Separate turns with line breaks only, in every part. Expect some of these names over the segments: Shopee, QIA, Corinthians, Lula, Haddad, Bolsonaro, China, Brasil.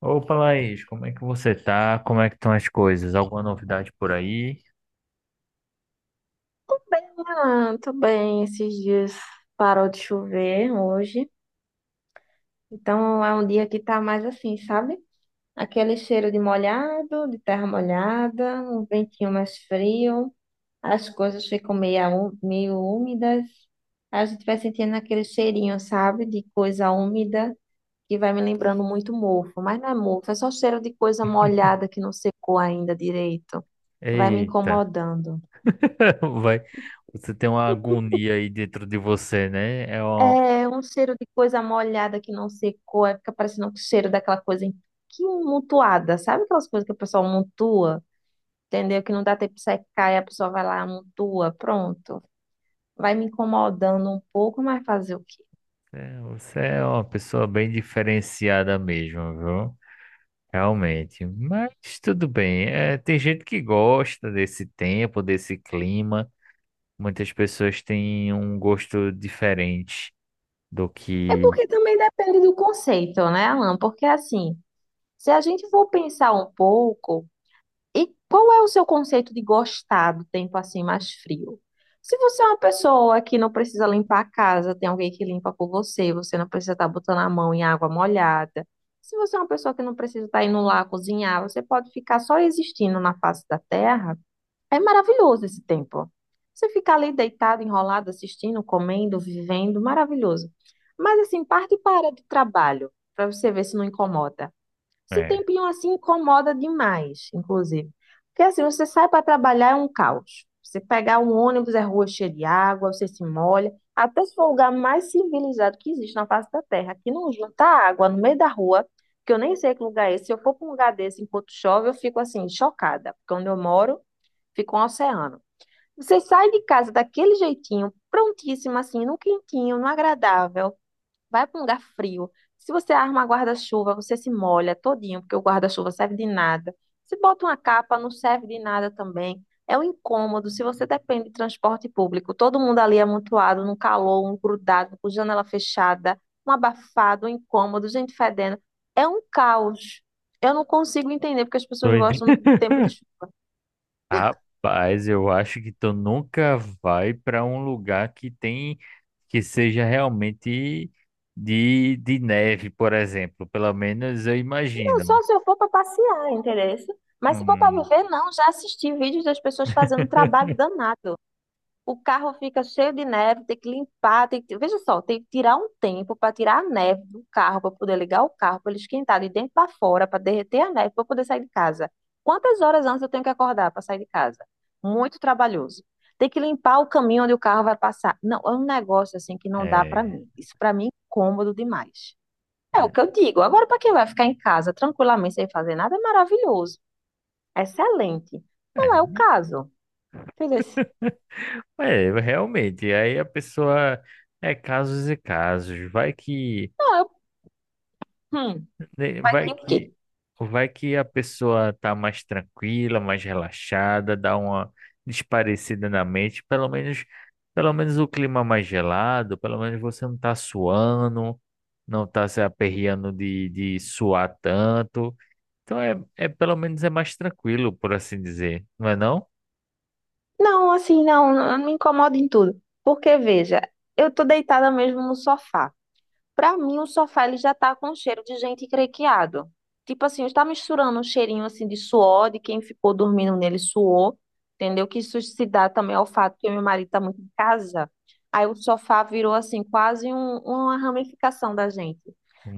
Opa, Laís, como é que você tá? Como é que estão as coisas? Alguma novidade por aí?
Ah, tô bem. Esses dias parou de chover hoje. Então é um dia que tá mais assim, sabe? Aquele cheiro de molhado, de terra molhada, um ventinho mais frio, as coisas ficam meio, meio úmidas. A gente vai sentindo aquele cheirinho, sabe? De coisa úmida, que vai me lembrando muito mofo. Mas não é mofo, é só cheiro de coisa molhada que não secou ainda direito. Vai me
Eita,
incomodando.
vai. Você tem uma agonia aí dentro de você, né? É uma...
É um cheiro de coisa molhada que não secou, aí fica parecendo o cheiro daquela que amontoada, sabe aquelas coisas que a pessoa amontoa, entendeu? Que não dá tempo de secar e a pessoa vai lá, amontoa, pronto. Vai me incomodando um pouco, mas fazer o quê?
é, você é uma pessoa bem diferenciada mesmo, viu? Realmente. Mas tudo bem. É, tem gente que gosta desse tempo, desse clima. Muitas pessoas têm um gosto diferente do
É
que
porque também depende do conceito, né, Alan? Porque assim, se a gente for pensar um pouco. E qual é o seu conceito de gostar do tempo assim mais frio? Se você é uma pessoa que não precisa limpar a casa, tem alguém que limpa por você, você não precisa estar botando a mão em água molhada. Se você é uma pessoa que não precisa estar indo lá cozinhar, você pode ficar só existindo na face da terra. É maravilhoso esse tempo. Você ficar ali deitado, enrolado, assistindo, comendo, vivendo, maravilhoso. Mas assim, parte e para do trabalho, para você ver se não incomoda. Esse
é.
tempinho assim incomoda demais, inclusive. Porque assim, você sai para trabalhar é um caos. Você pegar um ônibus, é rua cheia de água, você se molha. Até se for o lugar mais civilizado que existe na face da Terra, que não junta água no meio da rua, que eu nem sei que lugar é esse. Se eu for para um lugar desse enquanto chove, eu fico assim, chocada. Porque onde eu moro, fica um oceano. Você sai de casa daquele jeitinho, prontíssimo assim, num quentinho, num agradável. Vai para um lugar frio. Se você arma guarda-chuva, você se molha todinho, porque o guarda-chuva serve de nada. Se bota uma capa, não serve de nada também. É um incômodo. Se você depende de transporte público, todo mundo ali amontoado, num calor, um grudado, com janela fechada, um abafado, um incômodo, gente fedendo. É um caos. Eu não consigo entender porque as pessoas
Doido.
gostam do tempo de chuva.
Rapaz, eu acho que tu nunca vai para um lugar que tem que seja realmente de neve, por exemplo. Pelo menos eu
Não,
imagino.
só se eu for para passear, interessa. Mas se for para
Hum,
viver, não. Já assisti vídeos das pessoas fazendo trabalho danado. O carro fica cheio de neve, tem que limpar, tem que... Veja só, tem que tirar um tempo para tirar a neve do carro, para poder ligar o carro, para ele esquentar de dentro para fora, para derreter a neve, para poder sair de casa. Quantas horas antes eu tenho que acordar para sair de casa? Muito trabalhoso. Tem que limpar o caminho onde o carro vai passar. Não, é um negócio assim que não dá para
é,
mim. Isso para mim é incômodo demais. É o
é,
que eu digo. Agora, para quem vai ficar em casa tranquilamente sem fazer nada, é maravilhoso. Excelente. Não
é,
é o caso. Beleza.
é, realmente. Aí a pessoa é casos e casos. Vai que
Não, eu... Hum,
né,
vai que o quê?
Vai que a pessoa tá mais tranquila, mais relaxada, dá uma desparecida na mente, pelo menos o clima mais gelado, pelo menos você não tá suando, não tá se aperreando de suar tanto. Então é, é pelo menos é mais tranquilo, por assim dizer, não é não?
Não, assim, não, não me incomoda em tudo. Porque, veja, eu tô deitada mesmo no sofá. Pra mim, o sofá ele já tá com cheiro de gente crequeado. Tipo assim, está misturando um cheirinho assim de suor, de quem ficou dormindo nele suou, entendeu? Que isso se dá também ao fato que meu marido tá muito em casa. Aí o sofá virou assim quase uma ramificação da gente.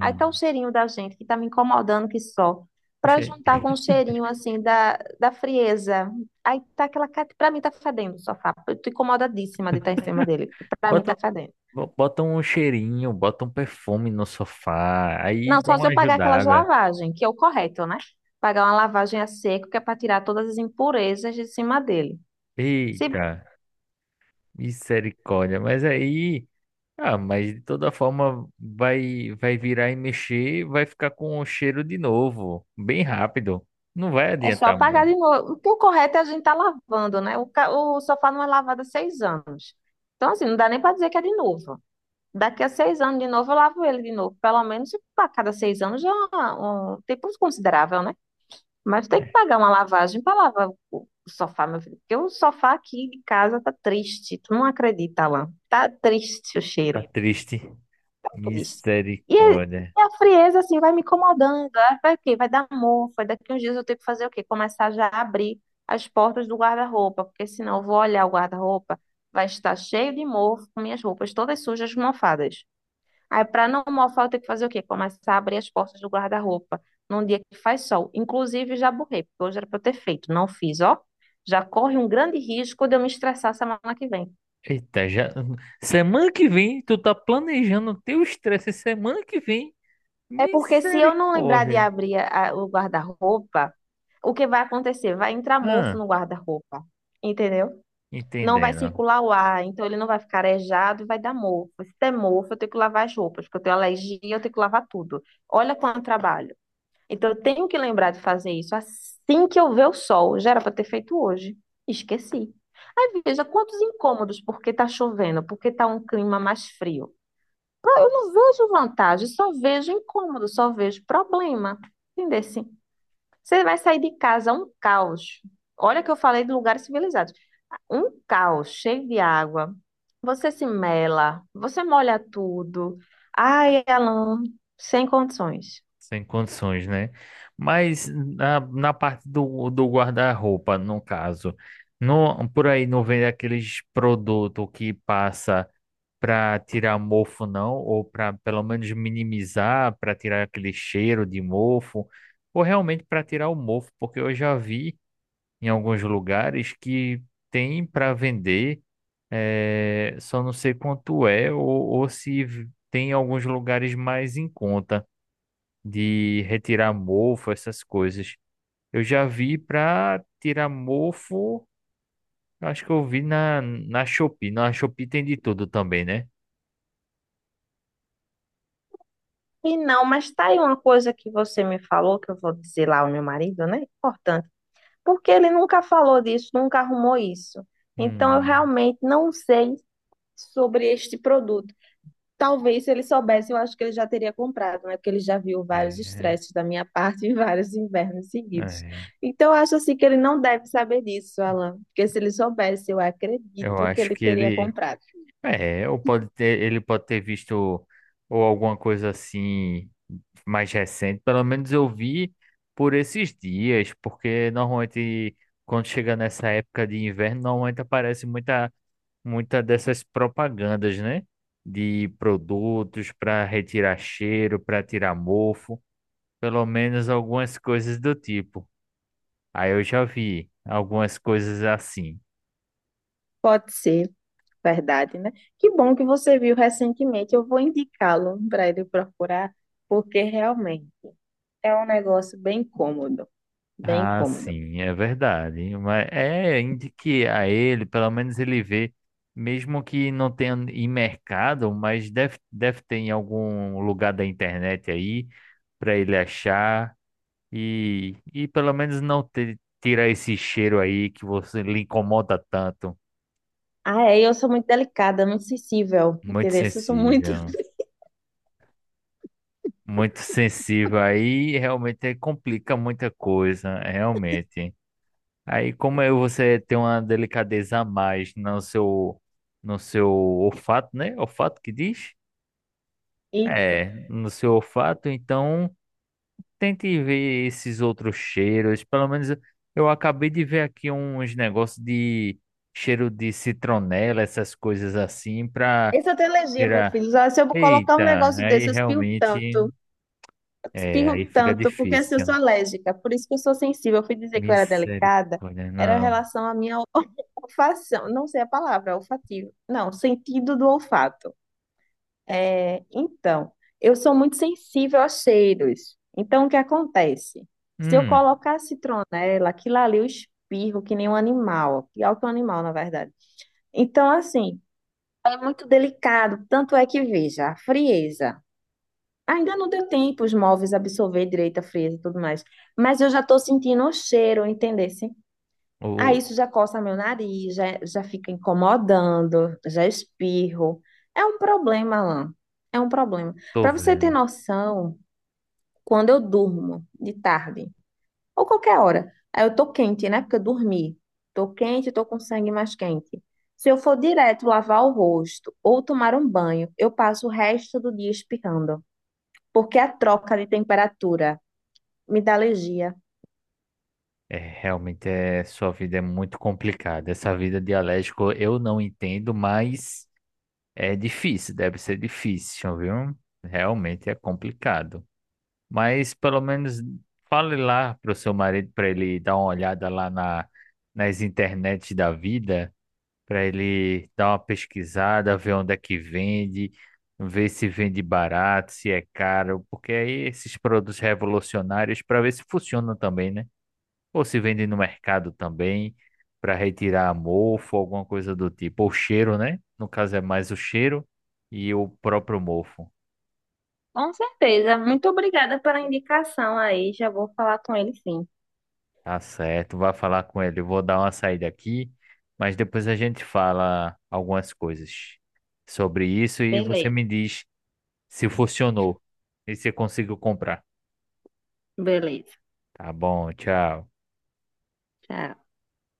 Aí tá o cheirinho da gente que tá me incomodando que só. Pra
Poxa, aí.
juntar com o cheirinho assim da frieza. Aí tá aquela, para mim tá fedendo o sofá. Eu tô incomodadíssima de estar em cima dele. Porque Pra mim tá
Bota,
fedendo.
bota um cheirinho, bota um perfume no sofá, aí
Não,
dá
só se
uma
eu pagar aquelas
ajudada.
lavagens, que é o correto, né? Pagar uma lavagem a seco, que é para tirar todas as impurezas de cima dele. Se
Eita. Misericórdia, mas aí, ah, mas de toda forma vai virar e mexer, vai ficar com o cheiro de novo, bem rápido. Não vai
é só
adiantar
pagar
muito.
de novo. Porque o correto é a gente tá lavando, né? O sofá não é lavado há 6 anos. Então, assim, não dá nem para dizer que é de novo. Daqui a 6 anos, de novo, eu lavo ele de novo. Pelo menos a cada 6 anos já é um tempo considerável, né? Mas tem que
É,
pagar uma lavagem para lavar o sofá, meu filho. Porque o sofá aqui de casa tá triste. Tu não acredita, Alan. Tá triste o
tá
cheiro.
triste.
Triste. E
Misericórdia.
a frieza, assim, vai me incomodando. Aí vai o quê? Vai dar mofa. Daqui uns dias eu tenho que fazer o quê? Começar já a abrir as portas do guarda-roupa, porque senão eu vou olhar o guarda-roupa, vai estar cheio de mofo, com minhas roupas todas sujas, mofadas. Aí, para não mofar, eu tenho que fazer o quê? Começar a abrir as portas do guarda-roupa num dia que faz sol. Inclusive, já borrei, porque hoje era para eu ter feito, não fiz, ó. Já corre um grande risco de eu me estressar semana que vem.
Eita, já semana que vem tu tá planejando teu estresse semana que vem.
É porque se eu não lembrar de
Misericórdia.
abrir o guarda-roupa, o que vai acontecer? Vai entrar mofo
Ah,
no guarda-roupa, entendeu? Não vai
entendendo.
circular o ar, então ele não vai ficar arejado e vai dar mofo. Se der mofo, eu tenho que lavar as roupas, porque eu tenho alergia, eu tenho que lavar tudo. Olha quanto trabalho. Então eu tenho que lembrar de fazer isso assim que eu ver o sol. Já era para ter feito hoje. Esqueci. Aí veja quantos incômodos, porque tá chovendo, porque tá um clima mais frio. Eu não vejo vantagem, só vejo incômodo, só vejo problema. Entendeu assim? Você vai sair de casa um caos. Olha que eu falei de lugares civilizados. Um caos cheio de água. Você se mela, você molha tudo. Ai, Alan, sem condições.
Sem condições, né? Mas na parte do guarda-roupa, no caso, não por aí não vende aqueles produtos que passa para tirar mofo, não? Ou para pelo menos minimizar, para tirar aquele cheiro de mofo, ou realmente para tirar o mofo, porque eu já vi em alguns lugares que tem para vender, só não sei quanto é, ou, se tem em alguns lugares mais em conta de retirar mofo, essas coisas. Eu já vi para tirar mofo, eu acho que eu vi na Shopee. Na Shopee tem de tudo também, né?
E não, mas tá aí uma coisa que você me falou, que eu vou dizer lá ao meu marido, né? Importante. Porque ele nunca falou disso, nunca arrumou isso. Então eu
Hum,
realmente não sei sobre este produto. Talvez se ele soubesse, eu acho que ele já teria comprado, né? Porque ele já viu vários
é,
estresses da minha parte e vários invernos seguidos.
é.
Então, eu acho assim que ele não deve saber disso, Alan. Porque se ele soubesse, eu
Eu
acredito que
acho
ele
que
teria
ele.
comprado.
É, ou pode ter, ele pode ter visto ou alguma coisa assim mais recente. Pelo menos eu vi por esses dias, porque normalmente quando chega nessa época de inverno, normalmente aparece muita dessas propagandas, né? De produtos para retirar cheiro, para tirar mofo, pelo menos algumas coisas do tipo. Aí eu já vi algumas coisas assim.
Pode ser, verdade, né? Que bom que você viu recentemente. Eu vou indicá-lo para ele procurar, porque realmente é um negócio bem cômodo, bem
Ah,
cômodo.
sim, é verdade. Mas é, indique a ele, pelo menos ele vê, mesmo que não tenha em mercado, mas deve, ter em algum lugar da internet aí para ele achar. E pelo menos não te, tirar esse cheiro aí que você lhe incomoda tanto.
Ah, é, eu sou muito delicada, muito sensível,
Muito
entendeu? Eu sou muito.
sensível. Muito sensível aí realmente complica muita coisa, realmente. Aí como é você tem uma delicadeza a mais no seu no seu olfato, né? Olfato que diz?
E
É, no seu olfato, então tente ver esses outros cheiros. Pelo menos eu acabei de ver aqui uns negócios de cheiro de citronela, essas coisas assim, pra
isso eu tenho alergia, meu
tirar.
filho. Já, se eu colocar um
Eita,
negócio
aí
desse, eu
realmente, é,
espirro
aí fica
tanto, porque assim, eu sou
difícil.
alérgica, por isso que eu sou sensível. Eu fui dizer que eu era delicada,
Misericórdia,
era em
não.
relação à minha olfação, não sei a palavra, olfativo. Não, sentido do olfato. É, então, eu sou muito sensível a cheiros. Então, o que acontece? Se eu
Hum,
colocar citronela, aquilo ali eu espirro que nem um animal, pior que um animal, na verdade. Então, assim, é muito delicado, tanto é que veja, a frieza. Ainda não deu tempo os móveis absorver direito a frieza e tudo mais. Mas eu já tô sentindo o cheiro, entendesse? Ah,
o-
isso já coça meu nariz, já, já fica incomodando, já espirro. É um problema, Alan. É um problema.
tô
Para você ter
vendo.
noção, quando eu durmo de tarde, ou qualquer hora, aí eu tô quente, né? Porque eu dormi. Tô quente, tô com sangue mais quente. Se eu for direto lavar o rosto ou tomar um banho, eu passo o resto do dia espirrando porque a troca de temperatura me dá alergia.
É, realmente é, sua vida é muito complicada. Essa vida de alérgico eu não entendo, mas é difícil, deve ser difícil, viu? Realmente é complicado. Mas pelo menos fale lá pro seu marido para ele dar uma olhada lá na, nas internet da vida, para ele dar uma pesquisada, ver onde é que vende, ver se vende barato, se é caro, porque aí esses produtos revolucionários para ver se funcionam também, né? Ou se vende no mercado também, para retirar mofo, alguma coisa do tipo, ou cheiro, né? No caso é mais o cheiro e o próprio mofo.
Com certeza. Muito obrigada pela indicação aí. Já vou falar com ele sim.
Tá certo, vai falar com ele. Eu vou dar uma saída aqui, mas depois a gente fala algumas coisas sobre isso e você
Beleza,
me diz se funcionou e se conseguiu comprar.
beleza.
Tá bom, tchau.
Tchau.